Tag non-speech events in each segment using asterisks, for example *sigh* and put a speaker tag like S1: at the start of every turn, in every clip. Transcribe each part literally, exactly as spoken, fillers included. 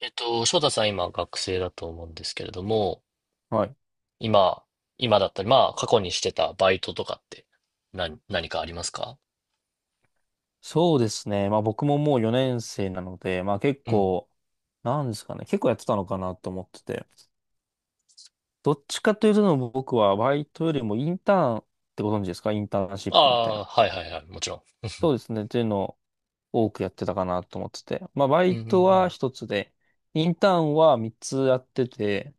S1: えっと、翔太さん今学生だと思うんですけれども、
S2: はい。
S1: 今、今だったり、まあ過去にしてたバイトとかって何、何かありますか？
S2: そうですね。まあ僕ももうよねん生なので、まあ結
S1: うん。
S2: 構、なんですかね。結構やってたのかなと思ってて。どっちかというと僕はバイトよりもインターンってご存知ですか？インターンシ
S1: あ
S2: ップみたいな。
S1: あ、はいはいはい、もちろん。
S2: そうですね。っていうのを多くやってたかなと思ってて。まあバ
S1: うん
S2: イ
S1: うんう
S2: トは
S1: ん。
S2: 一つで、インターンは三つやってて、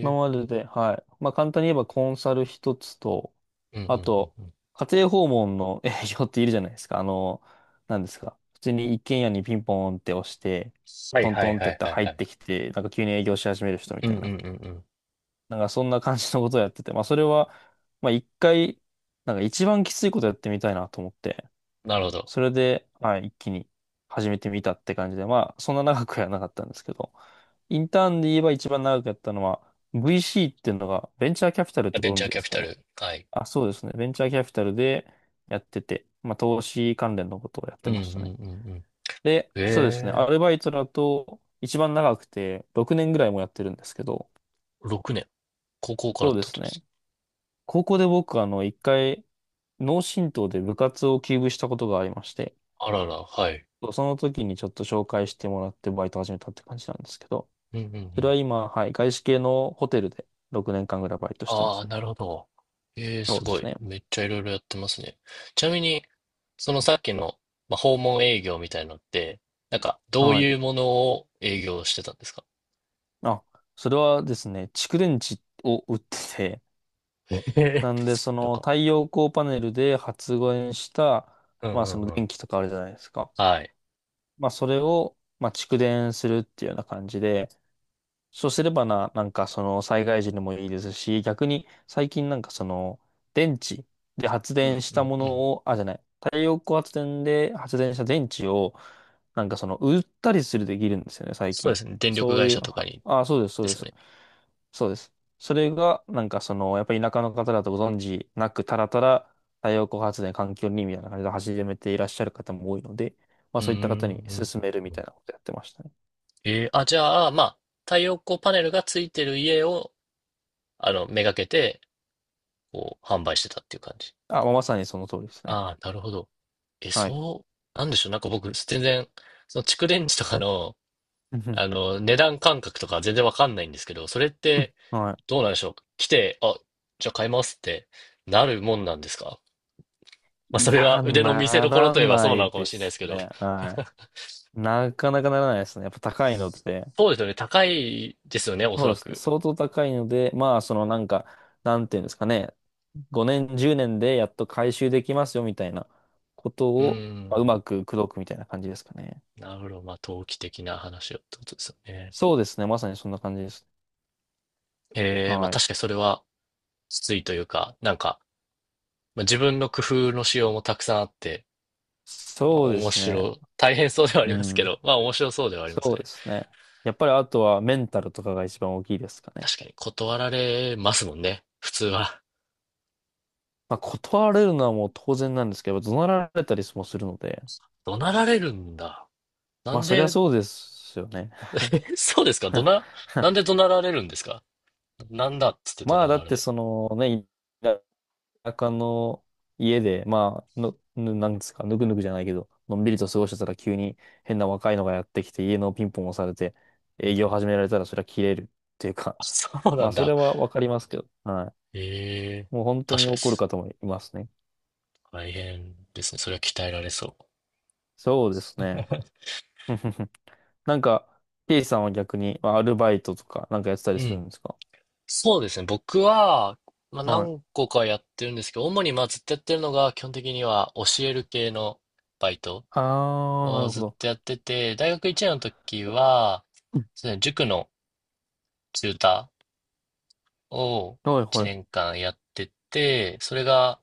S2: 今
S1: え、
S2: までで、はい。まあ、簡単に言えばコンサル一つと、
S1: うんうん
S2: あ
S1: うん
S2: と、
S1: うん。
S2: 家庭訪問の営業っているじゃないですか。あの、なんですか。普通に一軒家にピンポンって押して、
S1: はい
S2: トン
S1: は
S2: ト
S1: い
S2: ンって
S1: は
S2: やっ
S1: い
S2: て
S1: はい
S2: 入
S1: は
S2: っ
S1: い。
S2: てきて、なんか急に営業し始める人み
S1: う
S2: た
S1: ん
S2: い
S1: うんうん
S2: な。
S1: うん。
S2: なんかそんな感じのことをやってて、まあ、それは、まあ、一回、なんか一番きついことやってみたいなと思って。
S1: なるほど。
S2: それで、はい、一気に始めてみたって感じで、まあ、そんな長くはなかったんですけど、インターンで言えば一番長くやったのは、ブイシー っていうのが、ベンチャーキャピタルって
S1: ベ
S2: ご
S1: ン
S2: 存
S1: チャー
S2: 知で
S1: キャ
S2: す
S1: ピ
S2: か
S1: タ
S2: ね？
S1: ル。はい。
S2: あ、そうですね。ベンチャーキャピタルでやってて、まあ、投資関連のことをやっ
S1: う
S2: て
S1: んうん
S2: ましたね。
S1: うんうん。
S2: で、そうですね。ア
S1: ええ、
S2: ルバイトだと、一番長くて、ろくねんぐらいもやってるんですけど、
S1: 六ろくねん。高校からっ
S2: そう
S1: て
S2: で
S1: こ
S2: す
S1: とで
S2: ね。
S1: す？
S2: 高校で僕、あの、一回、脳震盪で部活を休部したことがありまして、
S1: あらら、はい。
S2: そうその時にちょっと紹介してもらってバイト始めたって感じなんですけど、
S1: うんうんう
S2: それ
S1: ん。
S2: は今、はい、外資系のホテルでろくねんかんぐらいバイトしてま
S1: ああ、
S2: す。
S1: なるほど。ええ、
S2: そ
S1: す
S2: うで
S1: ご
S2: す
S1: い。
S2: ね。
S1: めっちゃいろいろやってますね。ちなみに、そのさっきの、まあ、訪問営業みたいのって、なんか、どう
S2: はい。
S1: いうものを営業してたんですか？
S2: あ、それはですね、蓄電池を売ってて、
S1: ええ、
S2: なんでそ
S1: *laughs* なん
S2: の
S1: か、
S2: 太陽光パネルで発電した、
S1: うん
S2: まあ
S1: う
S2: そ
S1: ん
S2: の
S1: うん。
S2: 電気とかあるじゃないですか。
S1: はい。
S2: まあそれを、まあ蓄電するっていうような感じで、そうすればな、なんかその災害時にもいいですし、逆に最近なんかその電池で発
S1: う
S2: 電
S1: ん
S2: し
S1: う
S2: た
S1: ん
S2: も
S1: うん。
S2: のを、あ、じゃない、太陽光発電で発電した電池を、なんかその売ったりするできるんですよね、最
S1: そうで
S2: 近。
S1: すね。電力
S2: そう
S1: 会
S2: いう、
S1: 社とか
S2: は、
S1: に、
S2: あ、そうです、そ
S1: で
S2: うで
S1: すよ
S2: す。
S1: ね。
S2: そうです。それが、なんかその、やっぱり田舎の方だとご存知なく、たらたら太陽光発電環境にみたいな感じで始めていらっしゃる方も多いので、まあ
S1: うーん、
S2: そういっ
S1: う
S2: た方に
S1: んう
S2: 勧
S1: ん
S2: めるみ
S1: う
S2: た
S1: ん。
S2: いなことやってましたね。
S1: えーあ、じゃあ、まあ、太陽光パネルがついてる家を、あの、めがけて、こう、販売してたっていう感じ。
S2: あ、まあまさにその通りですね。
S1: ああ、なるほど。え、
S2: はい。
S1: そう、なんでしょう。なんか僕、全然、その蓄電池とかの、
S2: うん、
S1: あの、値段感覚とか全然わかんないんですけど、それって、
S2: は
S1: どうなんでしょう。来て、あ、じゃあ買いますってなるもんなんですか？ *laughs* まあ、
S2: い。
S1: そ
S2: い
S1: れは
S2: や、
S1: 腕の見せ
S2: な
S1: 所
S2: ら
S1: といえば
S2: な
S1: そうな
S2: い
S1: のかも
S2: で
S1: しれないです
S2: す
S1: けど。
S2: ね。は
S1: *laughs*
S2: い。なかなかならないですね。やっぱ高いので。
S1: そうですよね。高いですよね、おそ
S2: そう
S1: ら
S2: ですね。
S1: く。
S2: 相当高いので、まあ、そのなんか、なんていうんですかね。ごねん、じゅうねんでやっと回収できますよみたいなこと
S1: う
S2: を、
S1: ー
S2: まあ、う
S1: ん。
S2: まく口説くみたいな感じですかね。
S1: なるほど。まあ、投機的な話をってことですよね。
S2: そうですね。まさにそんな感じです。
S1: ええ、まあ
S2: はい。
S1: 確かにそれはきついというか、なんか、まあ、自分の工夫の仕様もたくさんあって、まあ、
S2: そうで
S1: 面
S2: すね。
S1: 白、大変そうではあ
S2: う
S1: りますけ
S2: ん。
S1: ど、*laughs* まあ、面白そうではあります
S2: そうで
S1: ね。
S2: すね。やっぱりあとはメンタルとかが一番大きいですかね。
S1: 確かに断られますもんね、普通は。
S2: まあ、断られるのはもう当然なんですけど、怒鳴られたりもするので、
S1: 怒鳴られるんだ。な
S2: まあ、
S1: ん
S2: そりゃ
S1: で、
S2: そうですよね。
S1: え、そうですか？怒鳴、なん
S2: *laughs*
S1: で怒鳴られるんですか？なんだっつって怒
S2: まあ、
S1: 鳴
S2: だ
S1: ら
S2: っ
S1: れ
S2: て、
S1: る。
S2: そのね、田舎の家で、まあ、の、ぬなんですか、ぬくぬくじゃないけど、のんびりと過ごしてたら急に変な若いのがやってきて、家のピンポン押されて、
S1: う
S2: 営
S1: ん、
S2: 業始められたら、そりゃ切れるっていうか、
S1: あ、そう
S2: *laughs*
S1: な
S2: まあ、
S1: ん
S2: それ
S1: だ。
S2: はわかりますけど、は
S1: ええ、
S2: い。もう本当
S1: 確
S2: に
S1: かで
S2: 怒る
S1: す。
S2: 方もいますね。
S1: 大変ですね。それは鍛えられそ
S2: そうです
S1: う。
S2: ね。
S1: *laughs*
S2: *laughs* なんか、K さんは逆に、まあアルバイトとかなんかやってたり
S1: う
S2: するん
S1: ん。
S2: ですか？
S1: そうですね。僕は、まあ、
S2: はい。
S1: 何個かやってるんですけど、主にまあずっとやってるのが、基本的には教える系のバイト、
S2: あー、な
S1: を
S2: るほ
S1: ずっ
S2: ど。
S1: とやってて、大学いちねんの時は、
S2: うん、
S1: そうですね、塾のチューターを
S2: はい
S1: 1
S2: はい。
S1: 年間やってて、それが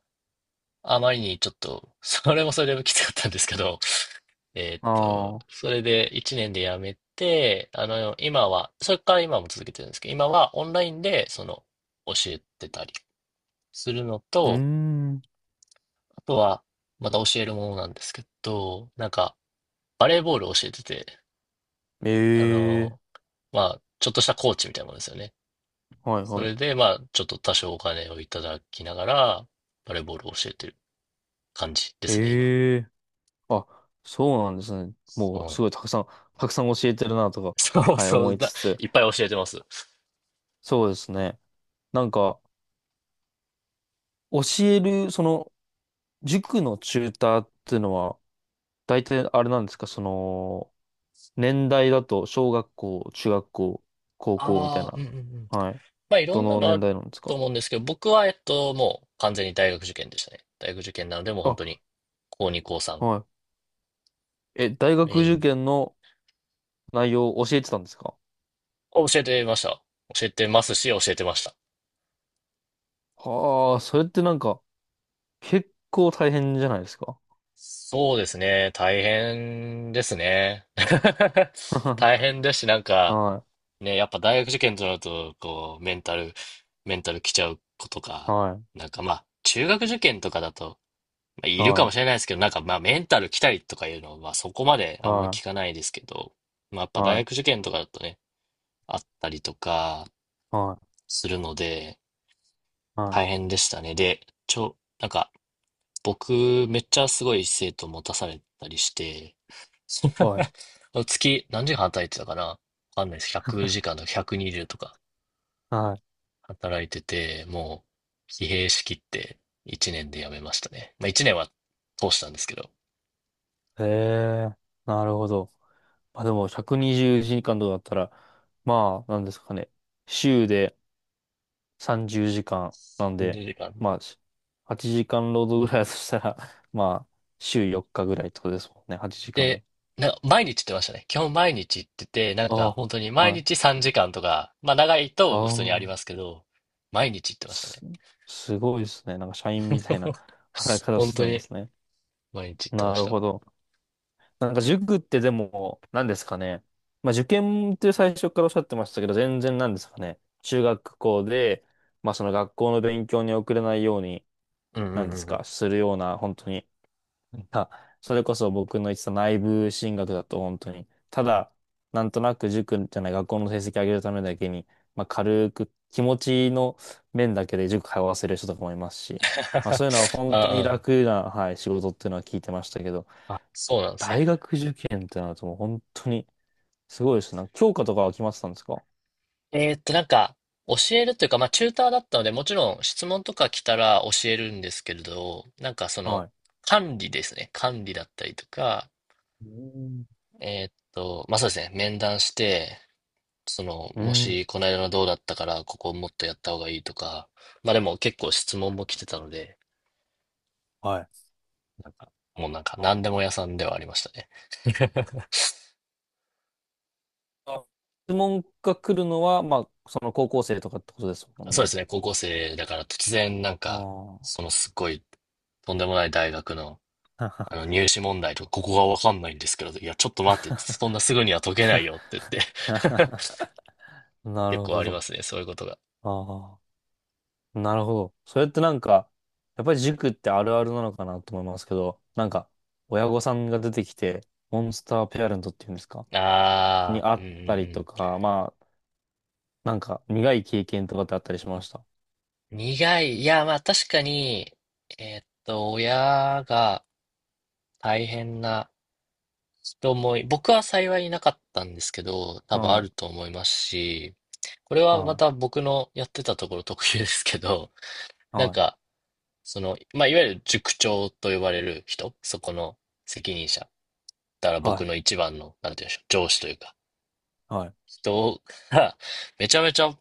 S1: あまりにちょっと、それもそれできつかったんですけど、えーっと、
S2: あー。
S1: それでいちねんでやめて、あの、今は、それから今も続けてるんですけど、今はオンラインで、その、教えてたりするの
S2: うー
S1: と、
S2: ん。
S1: あとは、また教えるものなんですけど、なんか、バレーボールを教えてて、
S2: え
S1: あ
S2: えー。
S1: の、まあ、ちょっとしたコーチみたいなものですよね。
S2: はい
S1: そ
S2: は
S1: れ
S2: い。
S1: で、まあ、ちょっと多少お金をいただきながら、バレーボールを教えてる感じですね、今。
S2: ええー。あ、そうなんですね。
S1: そ
S2: も
S1: うな
S2: うす
S1: ん
S2: ごいたくさん、たくさん教えてるなとか、
S1: そう
S2: はい、
S1: そ
S2: 思
S1: う
S2: い
S1: だ。
S2: つつ。
S1: いっぱい教えてます。
S2: そうですね。なんか、教える、その、塾のチューターっていうのは、大体あれなんですか、その、年代だと、小学校、中学校、高校みたい
S1: ああ、う
S2: な。
S1: んうんうん。
S2: はい。
S1: まあ、いろ
S2: ど
S1: んな
S2: の
S1: のあ
S2: 年
S1: る
S2: 代なんです
S1: と
S2: か？
S1: 思うんですけど、僕は、えっと、もう完全に大学受験でしたね。大学受験なので、もう本
S2: あ、
S1: 当に、高に、高さん、
S2: はい。え、大学
S1: メイ
S2: 受
S1: ン
S2: 験の内容を教えてたんですか？
S1: を教えてました。教えてますし、教えてました。
S2: はあ、それってなんか、結構大変じゃないですか？
S1: そうですね。大変ですね。*laughs* 大
S2: *laughs*
S1: 変ですし、なんか、
S2: はい、
S1: ね、やっぱ大学受験となると、こう、メンタル、メンタル来ちゃう子とか、
S2: はい、
S1: なんかまあ、中学受験とかだと、まあ、いるか
S2: は
S1: もしれ
S2: い、
S1: ないですけど、なんかまあ、メンタル来たりとかいうのは、まあ、そこまであんまり
S2: は
S1: 聞かないですけど、まあ、やっ
S2: い、
S1: ぱ大
S2: は
S1: 学受験とかだとね、あったりとか
S2: い、はい、
S1: するので、
S2: は
S1: 大変でしたね。で、ちょ、なんか、僕、めっちゃすごい生徒持たされたりして、
S2: い、はい。
S1: *laughs* 月、何時間働いてたかなわかんないです。ひゃくじかんとかひゃくにじゅうとか。
S2: はい、
S1: 働いてて、もう疲弊しきっていちねんで辞めましたね。まあいちねんは通したんですけど、
S2: へえ、なるほど。まあでも、ひゃくにじゅうじかんとかだったら、まあ、なんですかね。週で、さんじゅうじかんなんで、
S1: にじゅうじかん。
S2: まあ、しはちじかん労働ぐらいだとしたら、*laughs* まあ、週よっかぐらいってことですもんね、はちじかんを。
S1: で、な、毎日行ってましたね。基本毎日行ってて、なんか
S2: あ
S1: 本当に
S2: あ、
S1: 毎
S2: は
S1: 日
S2: い。
S1: さんじかんとか、まあ長い
S2: あ
S1: と普通にあります
S2: あ、
S1: けど、毎日行ってました
S2: す、
S1: ね。
S2: すごいですね。なんか社員みたいな *laughs* 働き方をし
S1: 本
S2: て
S1: 当
S2: たんで
S1: に
S2: すね。
S1: 毎日行ってま
S2: な
S1: し
S2: る
S1: た。
S2: ほど。なんか塾ってでも、何ですかね。まあ受験って最初からおっしゃってましたけど、全然なんですかね。中学校で、まあその学校の勉強に遅れないように、
S1: うんうん
S2: 何
S1: う
S2: です
S1: んうん。
S2: か、するような、本当になんか、それこそ僕の言ってた内部進学だと本当に、ただ、なんとなく塾じゃない学校の成績上げるためだけに、まあ軽く気持ちの面だけで塾通わせる人とかもいますし、まあそういうのは
S1: *laughs*
S2: 本当に
S1: あ
S2: 楽な、はい、仕事っていうのは聞いてましたけど、
S1: あ、あ、そうなんですね。
S2: 大学受験ってなるともう本当にすごいですね。なんか教科とかは決まってたんですか？
S1: えーっと、なんか、教えるというか、まあ、チューターだったので、もちろん質問とか来たら教えるんですけれど、なんかそ
S2: は
S1: の、
S2: い。
S1: 管理ですね。管理だったりとか、
S2: うん。
S1: えーっと、まあ、そうですね。面談して、その、
S2: う
S1: も
S2: ん。
S1: し、この間のどうだったから、ここもっとやった方がいいとか、まあ、でも結構質問も来てたので、
S2: はい。
S1: なんか、もうなんか、何でも屋さんではありましたね。
S2: あ、質問が来るのは、まあ、その高校生とかってことですもん
S1: そうで
S2: ね。
S1: すね。高校生だから突然、なんか、
S2: あ
S1: そのすっごい、とんでもない大学の、
S2: あ。
S1: あの
S2: *laughs*
S1: 入試問題とか、ここがわかんないんですけど、いや、ちょっと待って、そんな
S2: *laughs*
S1: すぐには解けないよって言って、 *laughs*
S2: な
S1: 結
S2: る
S1: 構
S2: ほ
S1: ありま
S2: ど。
S1: すね、そういうことが。
S2: ああ、なるほど。それってなんか、やっぱり塾ってあるあるなのかなと思いますけど、なんか、親御さんが出てきて、モンスターペアレントっていうんですか？に
S1: ああ、
S2: あ
S1: うん
S2: っ
S1: う
S2: たり
S1: ん
S2: と
S1: う
S2: か、まあ、なんか、苦い経験とかってあったりしました。
S1: ん。苦い。いや、まあ確かに、えーっと、親が大変な人もい、僕は幸いなかったんですけど、多分あ
S2: は
S1: ると思いますし、これ
S2: い、
S1: はま
S2: は
S1: た僕のやってたところ特有ですけど、
S2: い、
S1: なん
S2: は
S1: か、
S2: い、
S1: その、まあ、いわゆる塾長と呼ばれる人、そこの責任者。だから僕
S2: は
S1: の一番の、なんて言うんでしょう、上司というか、
S2: い、はい、
S1: 人が、*laughs* めちゃめちゃ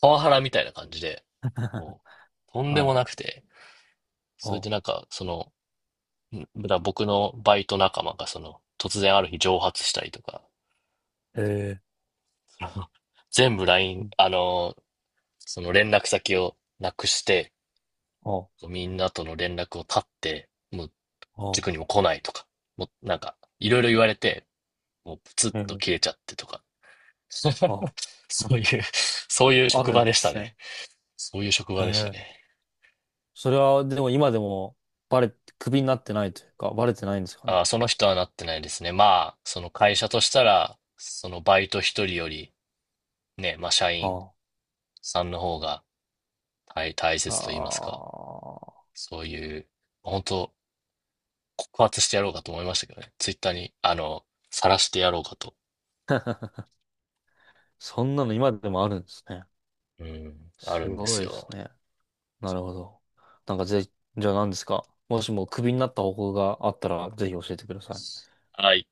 S1: パワハラみたいな感じで、
S2: *laughs*
S1: もう、とんで
S2: は
S1: も
S2: い、
S1: なくて、それ
S2: あ、
S1: でなんか、その、んだから僕のバイト仲間が、その、突然ある日蒸発したりとか、
S2: へえ、
S1: その全部ラインあの、その連絡先をなくして、
S2: あ、
S1: みんなとの連絡を絶って、もう
S2: あ、
S1: 塾にも来ないとか、もうなんか、いろいろ言われて、もうプツッ
S2: ええ、
S1: と切れちゃってとか。*laughs* そ
S2: あ、
S1: ういう、そういう
S2: あ
S1: 職
S2: る
S1: 場
S2: ん
S1: で
S2: で
S1: した
S2: すね。
S1: ね。そういう職場でした
S2: ええ、
S1: ね。
S2: それは、でも今でも、バレ、クビになってないというか、バレてないんですか
S1: あ
S2: ね。
S1: あ、その人はなってないですね。まあ、その会社としたら、そのバイト一人より、ね、まあ社員
S2: あ
S1: さんの方が大、大
S2: あ。
S1: 切と言いますか。
S2: ああ。
S1: そういう、本当告発してやろうかと思いましたけどね。ツイッターに、あの、晒してやろうかと。
S2: そんなの今でもあるんですね。
S1: うん、ある
S2: す
S1: んです
S2: ごいで
S1: よ。
S2: すね。なるほど。なんかぜ、じゃあ何ですか？もしもクビになった方法があったら、ぜひ教えてください。
S1: はい。